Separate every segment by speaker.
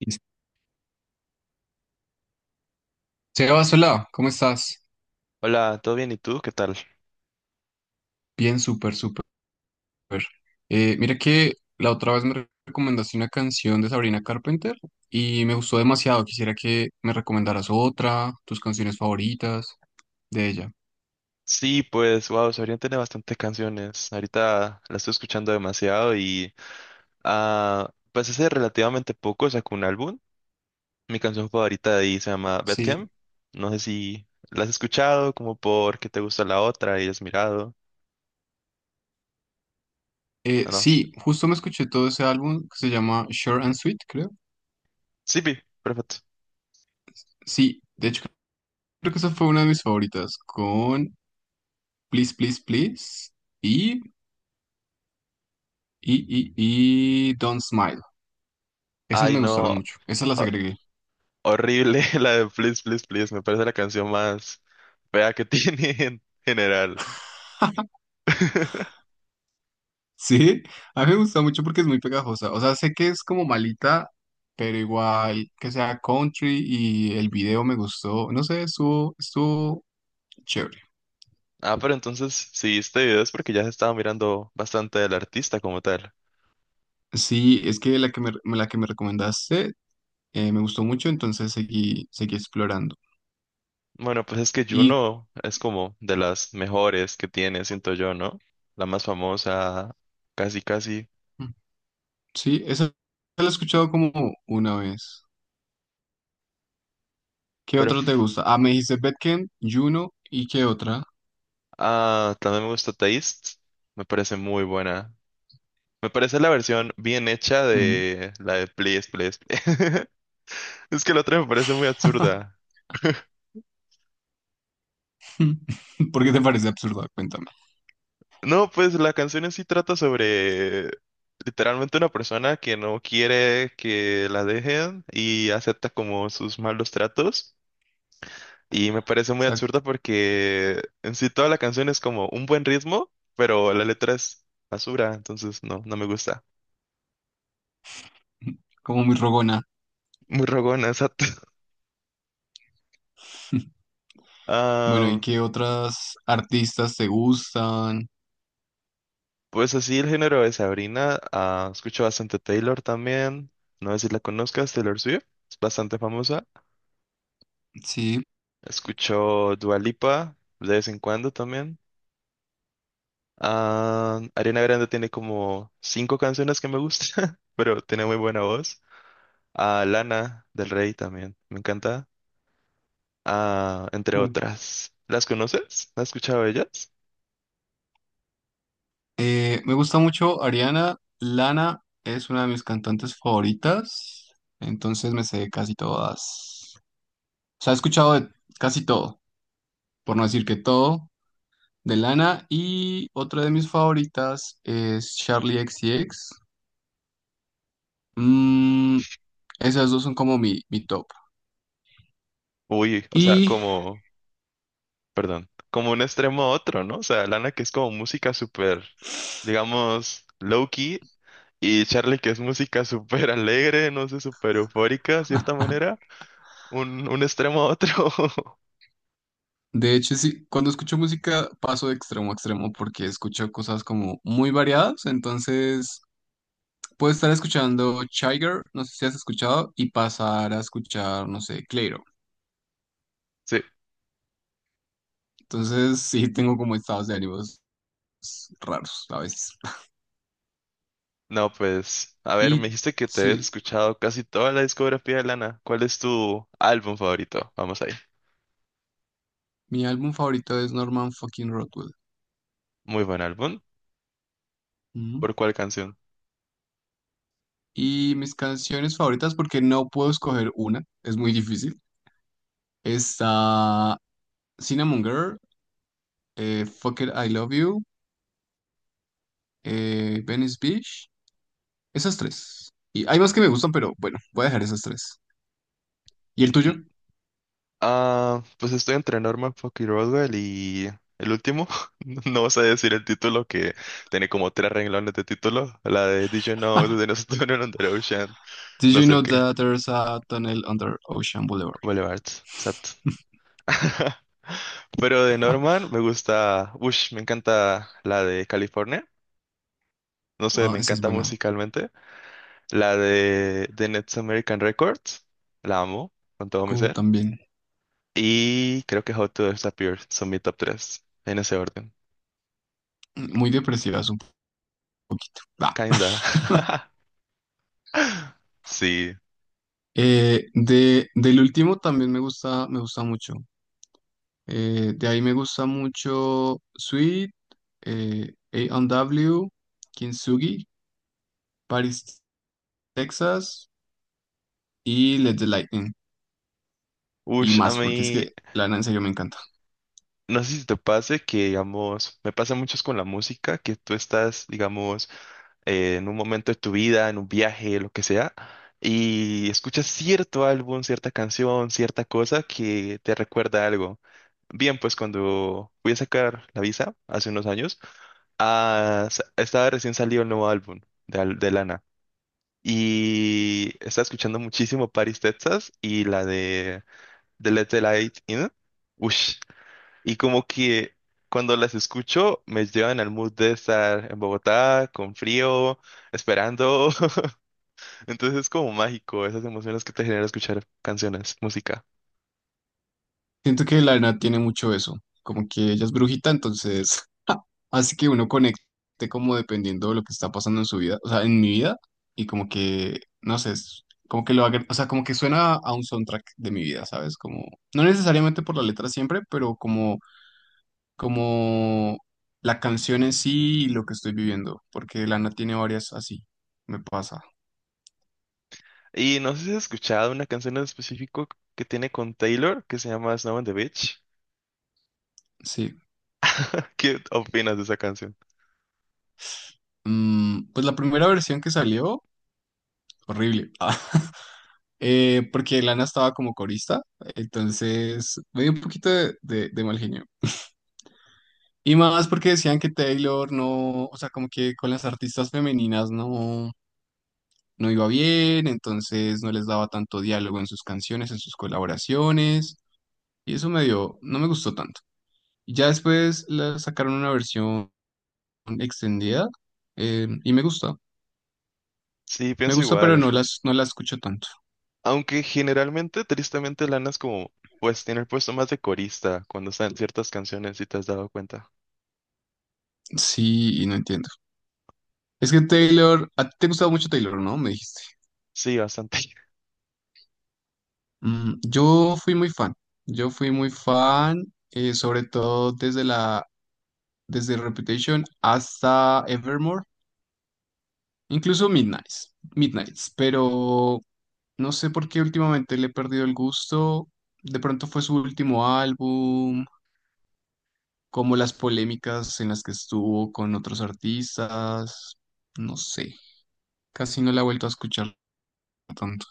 Speaker 1: Listo. Sebas, hola, ¿cómo estás?
Speaker 2: Hola, ¿todo bien? ¿Y tú? ¿Qué tal?
Speaker 1: Bien, súper, súper. Mira que la otra vez me recomendaste una canción de Sabrina Carpenter y me gustó demasiado. Quisiera que me recomendaras otra, tus canciones favoritas de ella.
Speaker 2: Sí, pues, wow, Sabrián tiene bastantes canciones. Ahorita la estoy escuchando demasiado y, pues hace relativamente poco sacó un álbum. Mi canción favorita de ahí se llama
Speaker 1: Sí,
Speaker 2: Bedcamp. No sé si la has escuchado, como porque te gusta la otra y has mirado. No, no sé.
Speaker 1: sí, justo me escuché todo ese álbum que se llama Short and Sweet, creo.
Speaker 2: Sí, pi, perfecto.
Speaker 1: Sí, de hecho creo que esa fue una de mis favoritas con Please, Please, Please y, y, y, y Don't Smile. Esas
Speaker 2: Ay,
Speaker 1: me
Speaker 2: no,
Speaker 1: gustaron mucho, esas las
Speaker 2: ho-
Speaker 1: agregué.
Speaker 2: horrible la de Please, Please, Please. Me parece la canción más fea que tiene en general.
Speaker 1: Sí, a mí me gusta mucho porque es muy pegajosa. O sea, sé que es como malita, pero igual que sea country y el video me gustó. No sé, estuvo chévere.
Speaker 2: Ah, pero entonces, si viste videos porque ya se estaba mirando bastante del artista como tal.
Speaker 1: Sí, es que la que me recomendaste me gustó mucho, entonces seguí explorando.
Speaker 2: Bueno, pues es que
Speaker 1: Y
Speaker 2: Juno es como de las mejores que tiene, siento yo, ¿no? La más famosa, casi, casi.
Speaker 1: mm, sí, esa la he escuchado como una vez. ¿Qué
Speaker 2: Pero
Speaker 1: otra te
Speaker 2: f-
Speaker 1: gusta? Ah, me dijiste Bedkent, Juno y qué otra.
Speaker 2: también me gusta Taste, me parece muy buena. Me parece la versión bien hecha
Speaker 1: Mm.
Speaker 2: de la de Please, Please, Please. Es que la otra me parece muy absurda.
Speaker 1: ¿Por qué te parece absurdo? Cuéntame. O
Speaker 2: No, pues la canción en sí trata sobre literalmente una persona que no quiere que la dejen y acepta como sus malos tratos. Y me parece muy
Speaker 1: sea,
Speaker 2: absurda porque en sí toda la canción es como un buen ritmo, pero la letra es basura, entonces no, no me gusta.
Speaker 1: como muy rogona.
Speaker 2: Muy rogona, exacto.
Speaker 1: Bueno, ¿y
Speaker 2: Ah,
Speaker 1: qué otras artistas te gustan?
Speaker 2: pues así el género de Sabrina. Escucho bastante Taylor también. No sé si la conozcas, Taylor Swift. Es bastante famosa.
Speaker 1: Sí.
Speaker 2: Escucho Dua Lipa de vez en cuando también. Ah, Ariana Grande tiene como cinco canciones que me gustan, pero tiene muy buena voz. A Lana del Rey también, me encanta. Ah, entre
Speaker 1: uh,
Speaker 2: otras. ¿Las conoces? ¿Has escuchado ellas?
Speaker 1: Me gusta mucho Ariana. Lana es una de mis cantantes favoritas. Entonces me sé casi todas. O sea, he escuchado de casi todo, por no decir que todo, de Lana. Y otra de mis favoritas es Charlie XCX. Mm, esas dos son como mi top.
Speaker 2: Uy, o sea,
Speaker 1: Y
Speaker 2: como, perdón, como un extremo a otro, ¿no? O sea, Lana que es como música súper, digamos, low-key, y Charlie que es música súper alegre, no sé, súper eufórica, de cierta manera. Un extremo a otro.
Speaker 1: de hecho, sí, cuando escucho música paso de extremo a extremo porque escucho cosas como muy variadas. Entonces, puedo estar escuchando Chiger, no sé si has escuchado, y pasar a escuchar, no sé, Clairo.
Speaker 2: Sí,
Speaker 1: Entonces, sí, tengo como estados de ánimos raros a veces.
Speaker 2: no, pues, a ver, me
Speaker 1: Y
Speaker 2: dijiste que te habías
Speaker 1: sí,
Speaker 2: escuchado casi toda la discografía de Lana. ¿Cuál es tu álbum favorito? Vamos ahí.
Speaker 1: mi álbum favorito es Norman fucking Rockwell.
Speaker 2: Muy buen álbum.
Speaker 1: Ujú.
Speaker 2: ¿Por cuál canción?
Speaker 1: Y mis canciones favoritas, porque no puedo escoger una, es muy difícil. Está Cinnamon Girl, Fuck It, I Love You. Venice Beach, esas tres. Y hay más que me gustan, pero bueno, voy a dejar esas tres. ¿Y el tuyo?
Speaker 2: Mm, ah, pues estoy entre Norman Fucking Rockwell y el último. No vas a decir el título que tiene como tres renglones de título. La de Did You Know de nosotros en the Ocean.
Speaker 1: Did
Speaker 2: No
Speaker 1: you
Speaker 2: sé
Speaker 1: know
Speaker 2: qué.
Speaker 1: that there's a tunnel under Ocean Boulevard?
Speaker 2: Boulevard. Sat. Pero de Norman me gusta, ush, me encanta la de California. No sé,
Speaker 1: Ah,
Speaker 2: me
Speaker 1: esa es
Speaker 2: encanta
Speaker 1: buena.
Speaker 2: musicalmente. La de The Next American Records, la amo con todo mi
Speaker 1: Como
Speaker 2: ser.
Speaker 1: también.
Speaker 2: Y creo que How to Disappear son mi top 3, en ese orden.
Speaker 1: Muy depresivas un poquito. Bah.
Speaker 2: Kinda. Sí.
Speaker 1: Del último también me gusta mucho. De ahí me gusta mucho Sweet, A and W, Kintsugi, Paris, Texas y Let the Lightning. Y
Speaker 2: Ush, a
Speaker 1: más, porque es
Speaker 2: mí,
Speaker 1: que Lana en serio me encanta.
Speaker 2: no sé si te pase que, digamos, me pasa mucho con la música, que tú estás, digamos, en un momento de tu vida, en un viaje, lo que sea, y escuchas cierto álbum, cierta canción, cierta cosa que te recuerda algo. Bien, pues cuando fui a sacar la visa hace unos años, estaba recién salido el nuevo álbum de, de Lana. Y estaba escuchando muchísimo Paris, Texas y la de Let the Light In. Ush. Y como que cuando las escucho me llevan al mood de estar en Bogotá con frío, esperando, entonces es como mágico esas emociones que te genera escuchar canciones, música.
Speaker 1: Siento que la tiene mucho eso, como que ella es brujita, entonces así que uno conecte como dependiendo de lo que está pasando en su vida, o sea, en mi vida, y como que, no sé, es como que lo haga, o sea, como que suena a un soundtrack de mi vida, ¿sabes? Como, no necesariamente por la letra siempre, pero como, como la canción en sí y lo que estoy viviendo, porque Lana tiene varias así, me pasa,
Speaker 2: Y no sé si has escuchado una canción en específico que tiene con Taylor que se llama Snow on the Beach.
Speaker 1: sí.
Speaker 2: ¿Qué opinas de esa canción?
Speaker 1: Mm, pues la primera versión que salió, horrible. Porque Lana estaba como corista, entonces me dio un poquito de mal genio. Y más porque decían que Taylor no, o sea, como que con las artistas femeninas no, no iba bien, entonces no les daba tanto diálogo en sus canciones, en sus colaboraciones, y eso me dio, no me gustó tanto. Y ya después la sacaron una versión extendida, y
Speaker 2: Sí,
Speaker 1: me
Speaker 2: pienso
Speaker 1: gusta, pero
Speaker 2: igual.
Speaker 1: no la escucho tanto.
Speaker 2: Aunque generalmente, tristemente, Lana es como, pues tiene el puesto más de corista cuando están ciertas canciones, si te has dado cuenta.
Speaker 1: Sí, y no entiendo. Es que Taylor, a ti te gustaba mucho Taylor, ¿no? Me dijiste.
Speaker 2: Sí, bastante.
Speaker 1: Mm, yo fui muy fan, eh, sobre todo desde Reputation hasta Evermore, incluso Midnights, pero no sé por qué últimamente le he perdido el gusto. De pronto fue su último álbum, como las polémicas en las que estuvo con otros artistas, no sé, casi no la he vuelto a escuchar tanto.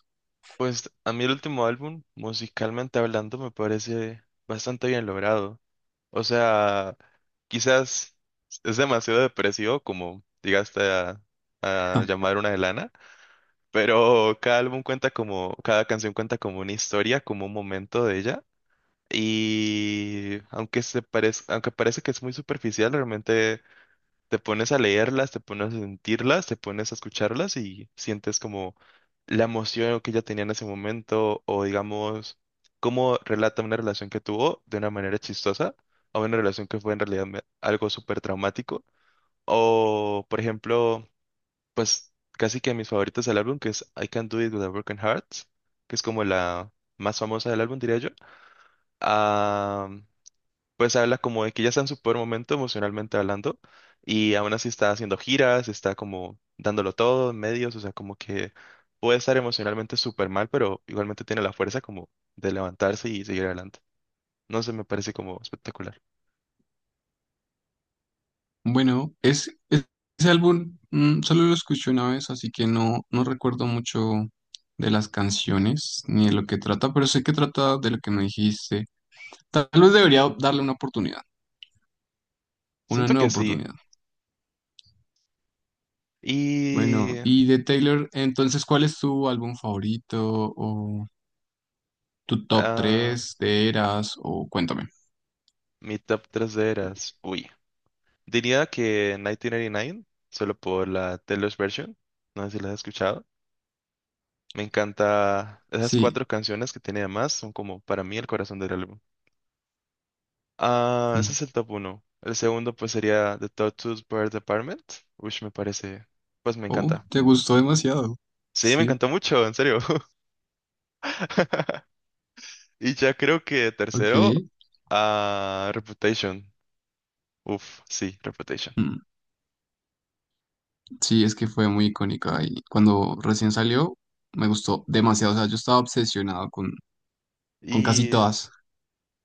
Speaker 2: Pues a mí el último álbum, musicalmente hablando, me parece bastante bien logrado. O sea, quizás es demasiado depresivo como llegaste a llamar una de Lana, pero cada álbum cuenta como, cada canción cuenta como una historia, como un momento de ella. Y aunque aunque parece que es muy superficial, realmente te pones a leerlas, te pones a sentirlas, te pones a escucharlas y sientes como la emoción que ella tenía en ese momento o digamos cómo relata una relación que tuvo de una manera chistosa a una relación que fue en realidad algo súper traumático. O por ejemplo, pues casi que mis favoritos del álbum que es I Can Do It With a Broken Heart, que es como la más famosa del álbum diría yo, pues habla como de que ya está en su peor momento emocionalmente hablando y aún así está haciendo giras, está como dándolo todo en medios, o sea, como que puede estar emocionalmente súper mal, pero igualmente tiene la fuerza como de levantarse y seguir adelante. No sé, me parece como espectacular.
Speaker 1: Bueno, es, es- Ese álbum solo lo escuché una vez, así que no recuerdo mucho de las canciones ni de lo que trata, pero sé que trata de lo que me dijiste. Tal vez debería darle una oportunidad, Una
Speaker 2: Siento
Speaker 1: nueva
Speaker 2: que sí.
Speaker 1: oportunidad. Bueno,
Speaker 2: Y
Speaker 1: y de Taylor, entonces, ¿cuál es tu álbum favorito o tu top
Speaker 2: ah,
Speaker 1: 3 de Eras? O cuéntame.
Speaker 2: mi top 3 de eras, uy, diría que 1989, solo por la Taylor's version, no sé si la has escuchado. Me encanta esas
Speaker 1: Sí.
Speaker 2: cuatro canciones que tiene, además, son como para mí el corazón del álbum. Ah, ese
Speaker 1: Mm.
Speaker 2: es el top uno. El segundo pues sería The Tortoise Bird Apartment, which me parece, pues me
Speaker 1: Oh,
Speaker 2: encanta.
Speaker 1: te gustó demasiado.
Speaker 2: Sí, me
Speaker 1: Sí,
Speaker 2: encantó mucho, en serio. Y ya creo que
Speaker 1: ok.
Speaker 2: tercero, ah, Reputation. Uf, sí, Reputation.
Speaker 1: Mm. Sí, es que fue muy icónica y cuando recién salió me gustó demasiado. O sea, yo estaba obsesionado con casi
Speaker 2: ¿Y
Speaker 1: todas.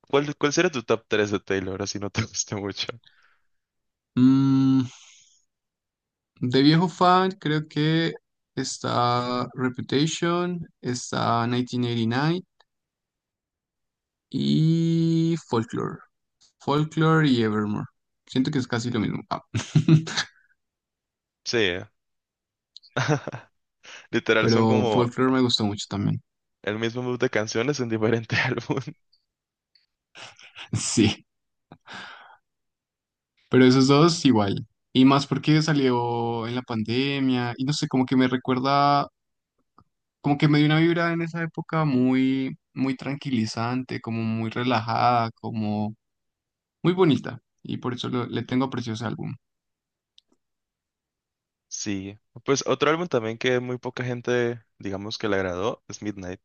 Speaker 2: cuál, cuál sería tu top 3 de Taylor, así no te gusta mucho?
Speaker 1: Mm, de viejo fan, creo que está Reputation, está 1989 y Folklore. Folklore y Evermore. Siento que es casi lo mismo. Ah.
Speaker 2: Sí, eh. Literal son
Speaker 1: Pero
Speaker 2: como
Speaker 1: Folklore me gustó mucho también.
Speaker 2: el mismo mood de canciones en diferente álbum.
Speaker 1: Sí, pero esos dos igual. Y más porque salió en la pandemia y no sé, como que me recuerda como que me dio una vibra en esa época muy, muy tranquilizante, como muy relajada, como muy bonita. Y por eso le tengo aprecio a ese álbum.
Speaker 2: Sí, pues otro álbum también que muy poca gente, digamos que le agradó, es Midnight.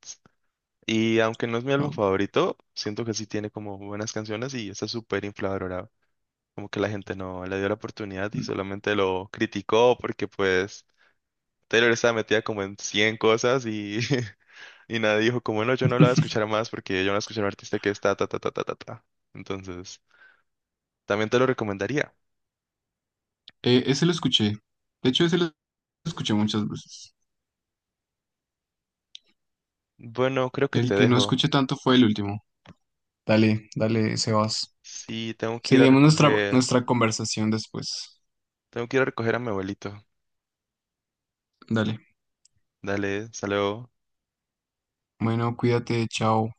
Speaker 2: Y aunque no es mi álbum
Speaker 1: Wow.
Speaker 2: favorito, siento que sí tiene como buenas canciones y está súper infravalorado. Como que la gente no le dio la oportunidad y solamente lo criticó porque pues Taylor estaba metida como en 100 cosas y, y nadie dijo como, no, yo no la voy a escuchar más porque yo no la escuché a un artista que está ta ta ta ta ta ta. Entonces, también te lo recomendaría.
Speaker 1: Ese lo escuché. De hecho, ese lo escuché muchas veces.
Speaker 2: Bueno, creo que
Speaker 1: El
Speaker 2: te
Speaker 1: que no
Speaker 2: dejo.
Speaker 1: escuché tanto fue el último. Dale, dale, Sebas.
Speaker 2: Sí, tengo que ir a
Speaker 1: Seguimos
Speaker 2: recoger,
Speaker 1: nuestra conversación después.
Speaker 2: tengo que ir a recoger a mi abuelito.
Speaker 1: Dale.
Speaker 2: Dale, saludo.
Speaker 1: Bueno, cuídate, chao.